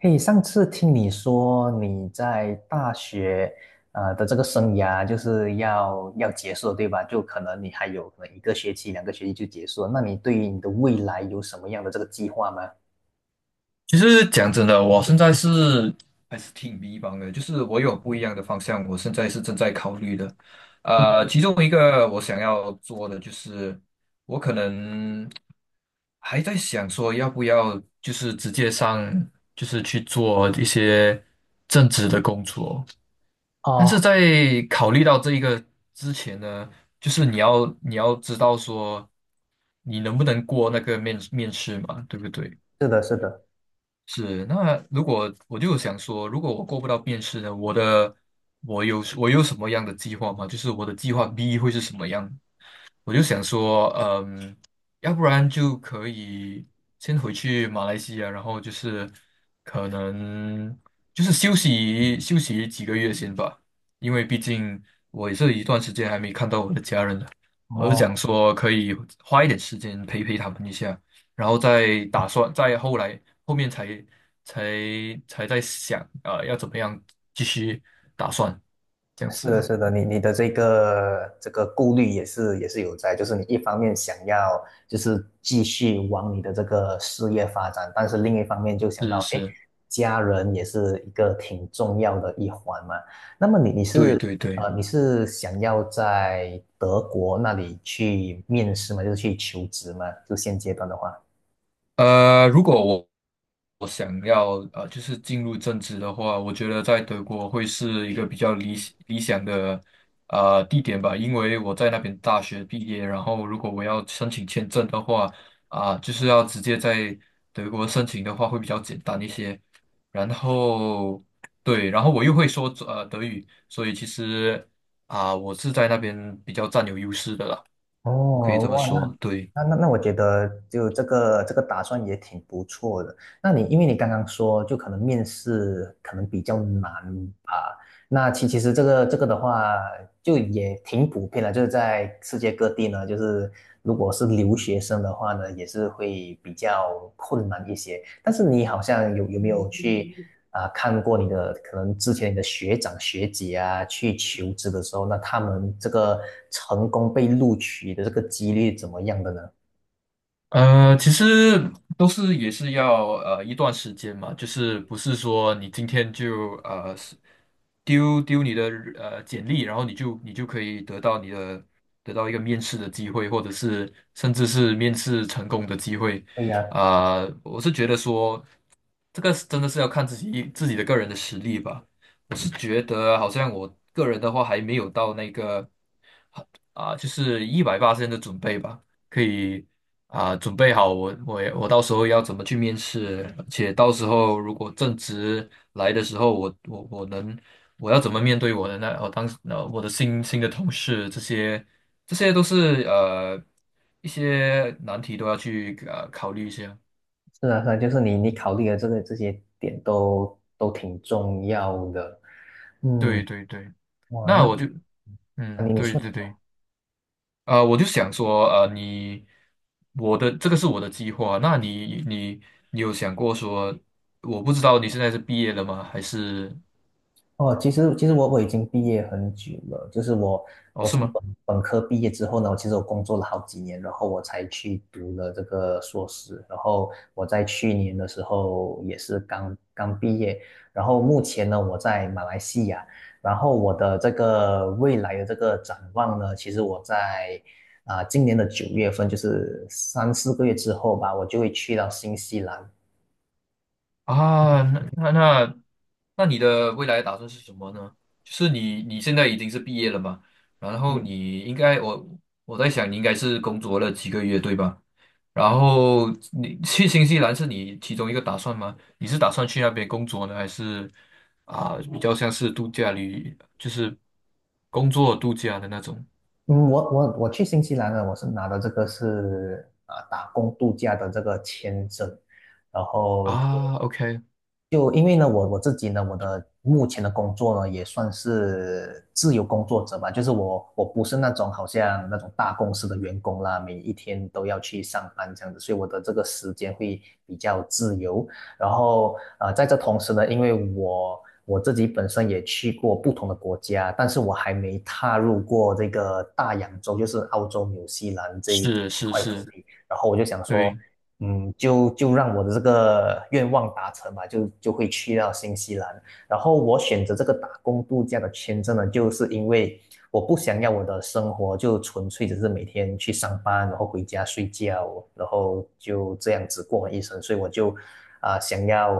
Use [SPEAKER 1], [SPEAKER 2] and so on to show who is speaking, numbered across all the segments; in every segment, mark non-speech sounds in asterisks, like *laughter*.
[SPEAKER 1] 嘿，上次听你说你在大学的这个生涯就是要结束了，对吧？就可能你还有可能一个学期、两个学期就结束了。那你对于你的未来有什么样的这个计划吗？
[SPEAKER 2] 其实讲真的，我现在还是挺迷茫的，就是我有不一样的方向，我现在是正在考虑的。
[SPEAKER 1] 嗯哼。
[SPEAKER 2] 其中一个我想要做的就是，我可能还在想说要不要就是直接上，就是去做一些正职的工作。但
[SPEAKER 1] 哦，
[SPEAKER 2] 是在考虑到这一个之前呢，就是你要知道说你能不能过那个面试嘛，对不对？
[SPEAKER 1] 是的，是的。
[SPEAKER 2] 是，那如果我就想说，如果我过不到面试呢，我有什么样的计划吗？就是我的计划 B 会是什么样？我就想说，要不然就可以先回去马来西亚，然后就是可能就是休息休息几个月先吧，因为毕竟我也是一段时间还没看到我的家人了，我就想
[SPEAKER 1] 哦，
[SPEAKER 2] 说可以花一点时间陪陪他们一下，然后再打算，再后来后面才才在想啊，要怎么样继续打算这样
[SPEAKER 1] 是
[SPEAKER 2] 子，
[SPEAKER 1] 的，是的，你的这个顾虑也是有在，就是你一方面想要就是继续往你的这个事业发展，但是另一方面就想到，
[SPEAKER 2] 是
[SPEAKER 1] 哎，
[SPEAKER 2] 是，
[SPEAKER 1] 家人也是一个挺重要的一环嘛。那么
[SPEAKER 2] 对对对。
[SPEAKER 1] 你是想要在德国那里去面试吗？就是去求职吗？就现阶段的话。
[SPEAKER 2] 如果我想要就是进入政治的话，我觉得在德国会是一个比较理想的地点吧，因为我在那边大学毕业，然后如果我要申请签证的话，就是要直接在德国申请的话会比较简单一些。然后，对，然后我又会说德语，所以其实我是在那边比较占有优势的啦，我可以
[SPEAKER 1] 哦，
[SPEAKER 2] 这么
[SPEAKER 1] 哇，那
[SPEAKER 2] 说，对。
[SPEAKER 1] 那那那，我觉得就这个这个打算也挺不错的。那你因为你刚刚说，就可能面试可能比较难吧？那其实这个的话，就也挺普遍的，就是在世界各地呢，就是如果是留学生的话呢，也是会比较困难一些。但是你好像有没有去看过你的可能之前你的学长学姐啊去求职的时候，那他们这个成功被录取的这个几率怎么样的呢？
[SPEAKER 2] 其实也是要一段时间嘛，就是不是说你今天就丢你的简历，然后你就可以得到一个面试的机会，或者是甚至是面试成功的机会。
[SPEAKER 1] 对呀，
[SPEAKER 2] 我是觉得说这个是真的是要看自己的个人的实力吧。我是觉得好像我个人的话还没有到那个。就是180的准备吧，可以准备好我到时候要怎么去面试，而且到时候如果正职来的时候，我要怎么面对我的那我当时呃我的新的同事，这些都是一些难题都要去考虑一下。
[SPEAKER 1] 是啊，是啊，就是你考虑的这些点都挺重要的。
[SPEAKER 2] 对
[SPEAKER 1] 嗯，
[SPEAKER 2] 对对，
[SPEAKER 1] 哇，
[SPEAKER 2] 那我就
[SPEAKER 1] 那
[SPEAKER 2] 嗯
[SPEAKER 1] 你
[SPEAKER 2] 对
[SPEAKER 1] 说。
[SPEAKER 2] 对对。我就想说，我的这个是我的计划。那你有想过说，我不知道你现在是毕业了吗？还是，
[SPEAKER 1] 哦，其实我已经毕业很久了，就是我
[SPEAKER 2] 哦，
[SPEAKER 1] 我
[SPEAKER 2] 是
[SPEAKER 1] 从
[SPEAKER 2] 吗？
[SPEAKER 1] 本科毕业之后呢，其实我工作了好几年，然后我才去读了这个硕士，然后我在去年的时候也是刚刚毕业，然后目前呢我在马来西亚，然后我的这个未来的这个展望呢，其实我在今年的九月份，就是3、4个月之后吧，我就会去到新西兰。
[SPEAKER 2] 啊，那那那，那你的未来打算是什么呢？就是你现在已经是毕业了嘛？然后
[SPEAKER 1] 嗯。
[SPEAKER 2] 你应该，我在想，你应该是工作了几个月，对吧？然后你去新西兰是你其中一个打算吗？你是打算去那边工作呢，还是比较像是度假旅，就是工作度假的那种
[SPEAKER 1] 嗯，我去新西兰呢，我是拿的这个是打工度假的这个签证，然后
[SPEAKER 2] 啊？OK，
[SPEAKER 1] 就因为呢，我自己呢，我的目前的工作呢，也算是自由工作者吧，就是我不是那种好像那种大公司的员工啦，每一天都要去上班这样子，所以我的这个时间会比较自由。然后在这同时呢，因为我自己本身也去过不同的国家，但是我还没踏入过这个大洋洲，就是澳洲、纽西兰这一
[SPEAKER 2] 是
[SPEAKER 1] 这一
[SPEAKER 2] 是
[SPEAKER 1] 块土
[SPEAKER 2] 是，
[SPEAKER 1] 地。然后我就想说，
[SPEAKER 2] 对。
[SPEAKER 1] 就让我的这个愿望达成吧，就会去到新西兰。然后我选择这个打工度假的签证呢，就是因为我不想要我的生活就纯粹只是每天去上班，然后回家睡觉，然后就这样子过完一生。所以我就想要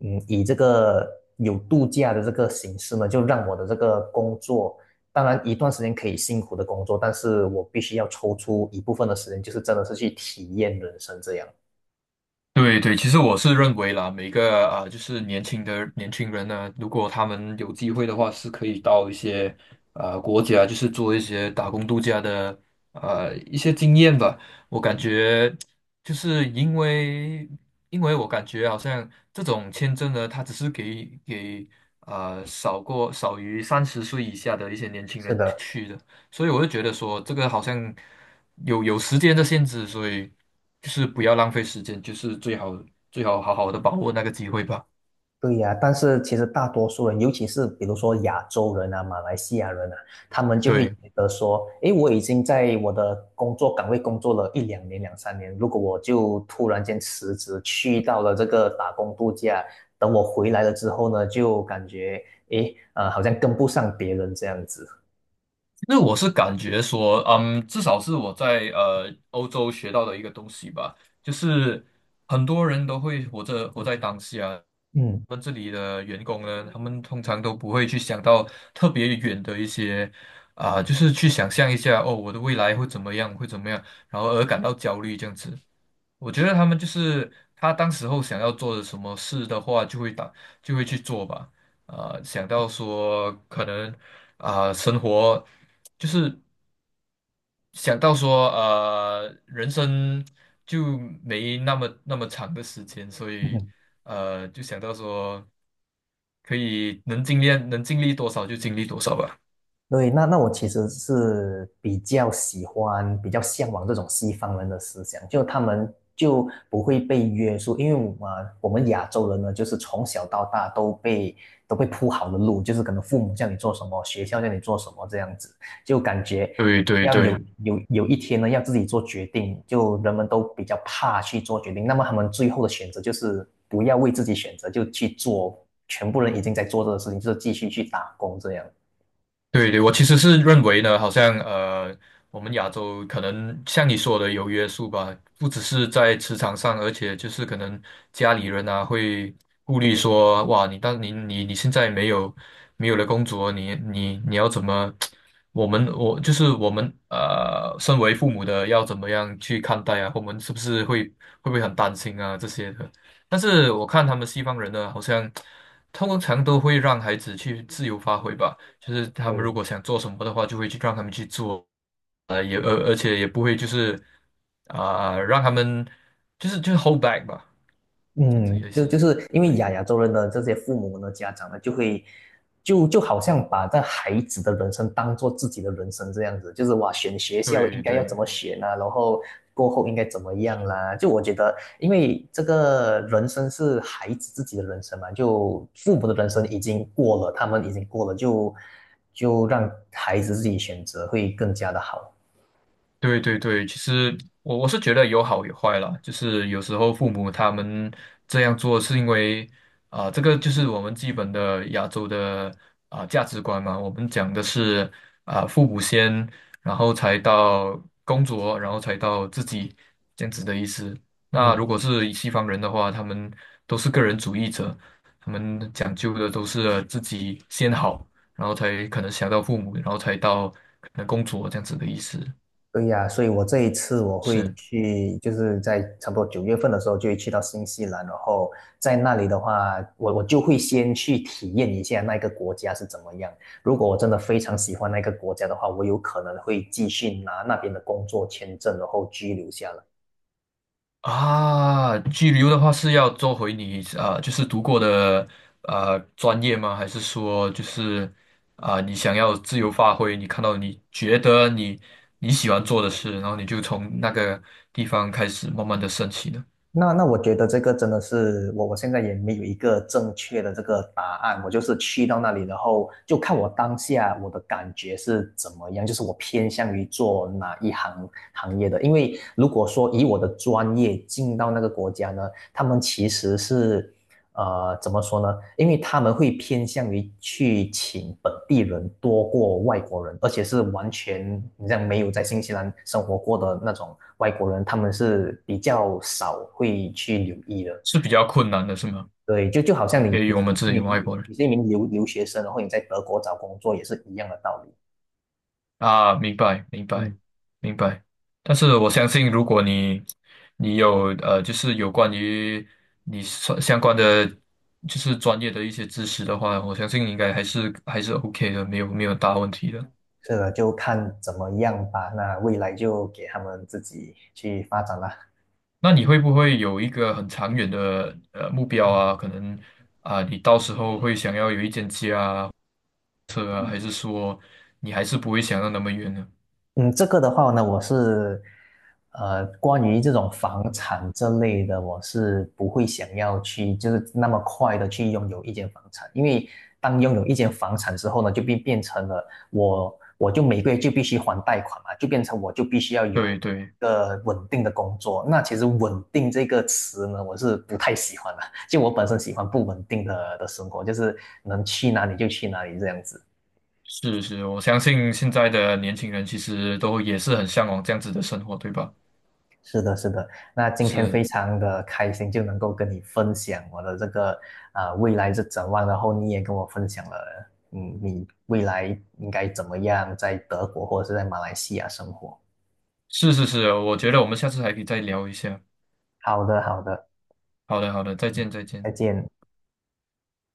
[SPEAKER 1] 以这个有度假的这个形式呢，就让我的这个工作。当然，一段时间可以辛苦的工作，但是我必须要抽出一部分的时间，就是真的是去体验人生这样。
[SPEAKER 2] 对对，其实我是认为啦，每个就是年轻人呢，如果他们有机会的话，是可以到一些国家，就是做一些打工度假的一些经验吧。我感觉就是因为我感觉好像这种签证呢，它只是给少于30岁以下的一些年轻
[SPEAKER 1] 是
[SPEAKER 2] 人
[SPEAKER 1] 的，
[SPEAKER 2] 去的。所以我就觉得说，这个好像有时间的限制，所以就是不要浪费时间，就是最好好好的把握那个机会吧。
[SPEAKER 1] 对呀，但是其实大多数人，尤其是比如说亚洲人啊、马来西亚人啊，他们就会觉
[SPEAKER 2] 对，
[SPEAKER 1] 得说，诶，我已经在我的工作岗位工作了一两年、两三年，如果我就突然间辞职，去到了这个打工度假，等我回来了之后呢，就感觉，诶，好像跟不上别人这样子。
[SPEAKER 2] 那我是感觉说，至少是我在欧洲学到的一个东西吧，就是很多人都会活在当下。
[SPEAKER 1] 嗯。
[SPEAKER 2] 我们这里的员工呢，他们通常都不会去想到特别远的一些，就是去想象一下哦，我的未来会怎么样，会怎么样，然后而感到焦虑这样子。我觉得他们就是他当时候想要做的什么事的话，就会去做吧。想到说可能，生活就是想到说，人生就没那么长的时间，所以
[SPEAKER 1] *laughs*
[SPEAKER 2] 就想到说可以能尽量能尽力多少就尽力多少吧。
[SPEAKER 1] 对，那我其实是比较喜欢、比较向往这种西方人的思想，就他们就不会被约束，因为我们亚洲人呢，就是从小到大都被铺好的路，就是可能父母叫你做什么，学校叫你做什么这样子，就感觉
[SPEAKER 2] 对对
[SPEAKER 1] 要有
[SPEAKER 2] 对。
[SPEAKER 1] 嗯有有一天呢，要自己做决定，就人们都比较怕去做决定，那么他们最后的选择就是不要为自己选择，就去做全部人已经在做这个事情，就是继续去打工这样。
[SPEAKER 2] 对对，我其实是认为呢，好像，我们亚洲可能像你说的有约束吧，不只是在职场上，而且就是可能家里人啊会顾虑说，哇，你当你你你现在没有了工作，你要怎么？我们我就是我们，身为父母的要怎么样去看待啊？我们是不是会不会很担心啊这些的？但是我看他们西方人呢，好像通常都会让孩子去自由发挥吧。就是他们
[SPEAKER 1] 对。
[SPEAKER 2] 如果想做什么的话，就会去让他们去做，也而且也不会就是让他们就是 hold back 吧，这样子
[SPEAKER 1] 嗯，
[SPEAKER 2] 也
[SPEAKER 1] 就
[SPEAKER 2] 是，
[SPEAKER 1] 是因为
[SPEAKER 2] 对
[SPEAKER 1] 亚洲人的这些父母呢，家长呢，就会就就好像把这孩子的人生当做自己的人生这样子，就是哇，选学校应
[SPEAKER 2] 对
[SPEAKER 1] 该要怎
[SPEAKER 2] 对，
[SPEAKER 1] 么选啊，然后过后应该怎么样啦、就我觉得，因为这个人生是孩子自己的人生嘛，就父母的人生已经过了，他们已经过了，就让孩子自己选择会更加的好。
[SPEAKER 2] 对对对，其实我是觉得有好有坏啦，就是有时候父母他们这样做是因为，这个就是我们基本的亚洲的，价值观嘛，我们讲的是，父母先，然后才到工作，然后才到自己这样子的意思。那
[SPEAKER 1] 嗯。
[SPEAKER 2] 如果是西方人的话，他们都是个人主义者，他们讲究的都是自己先好，然后才可能想到父母，然后才到可能工作这样子的意思，
[SPEAKER 1] 对呀，所以我这一次我会
[SPEAKER 2] 是。
[SPEAKER 1] 去，就是在差不多九月份的时候就会去到新西兰，然后在那里的话，我就会先去体验一下那个国家是怎么样。如果我真的非常喜欢那个国家的话，我有可能会继续拿那边的工作签证，然后居留下来。
[SPEAKER 2] 拘留的话是要做回你，就是读过的，专业吗？还是说就是，你想要自由发挥？你看到你觉得你喜欢做的事，然后你就从那个地方开始慢慢的升起呢？
[SPEAKER 1] 那我觉得这个真的是我现在也没有一个正确的这个答案，我就是去到那里，然后就看我当下我的感觉是怎么样，就是我偏向于做哪一行业的。因为如果说以我的专业进到那个国家呢，他们其实是怎么说呢？因为他们会偏向于去请本地人多过外国人，而且是完全你像没有在新西兰生活过的那种外国人，他们是比较少会去留意的。
[SPEAKER 2] 是比较困难的，是吗？
[SPEAKER 1] 对，就好像你
[SPEAKER 2] 给予
[SPEAKER 1] 你
[SPEAKER 2] 我
[SPEAKER 1] 是
[SPEAKER 2] 们
[SPEAKER 1] 一
[SPEAKER 2] 这里外
[SPEAKER 1] 名
[SPEAKER 2] 国人。
[SPEAKER 1] 你是一名留学生，然后你在德国找工作也是一样的道理。
[SPEAKER 2] 明白，明白，
[SPEAKER 1] 嗯，
[SPEAKER 2] 明白。但是我相信，如果你有，就是有关于你所相关的，就是专业的一些知识的话，我相信应该还是 OK 的，没有大问题的。
[SPEAKER 1] 是的，就看怎么样吧。那未来就给他们自己去发展啦。
[SPEAKER 2] 那你会不会有一个很长远的目标啊？可能啊，你到时候会想要有一间家啊、车啊，还是说你还是不会想到那么远呢？
[SPEAKER 1] 嗯，这个的话呢，我是，关于这种房产这类的，我是不会想要去，就是那么快的去拥有一间房产，因为当拥有一间房产之后呢，就变成了我，我就每个月就必须还贷款嘛，就变成我就必须要有
[SPEAKER 2] 对对。
[SPEAKER 1] 一个稳定的工作。那其实"稳定"这个词呢，我是不太喜欢的，*laughs* 就我本身喜欢不稳定的生活，就是能去哪里就去哪里这样子。
[SPEAKER 2] 是是，我相信现在的年轻人其实都也是很向往这样子的生活，对吧？
[SPEAKER 1] 是的，是的。那今天非
[SPEAKER 2] 是
[SPEAKER 1] 常的开心，就能够跟你分享我的这个未来是展望，然后你也跟我分享了，你未来应该怎么样在德国或者是在马来西亚生活。
[SPEAKER 2] 是是是，我觉得我们下次还可以再聊一下。
[SPEAKER 1] 好的，好的，
[SPEAKER 2] 好的好的，再见再
[SPEAKER 1] 再
[SPEAKER 2] 见。
[SPEAKER 1] 见。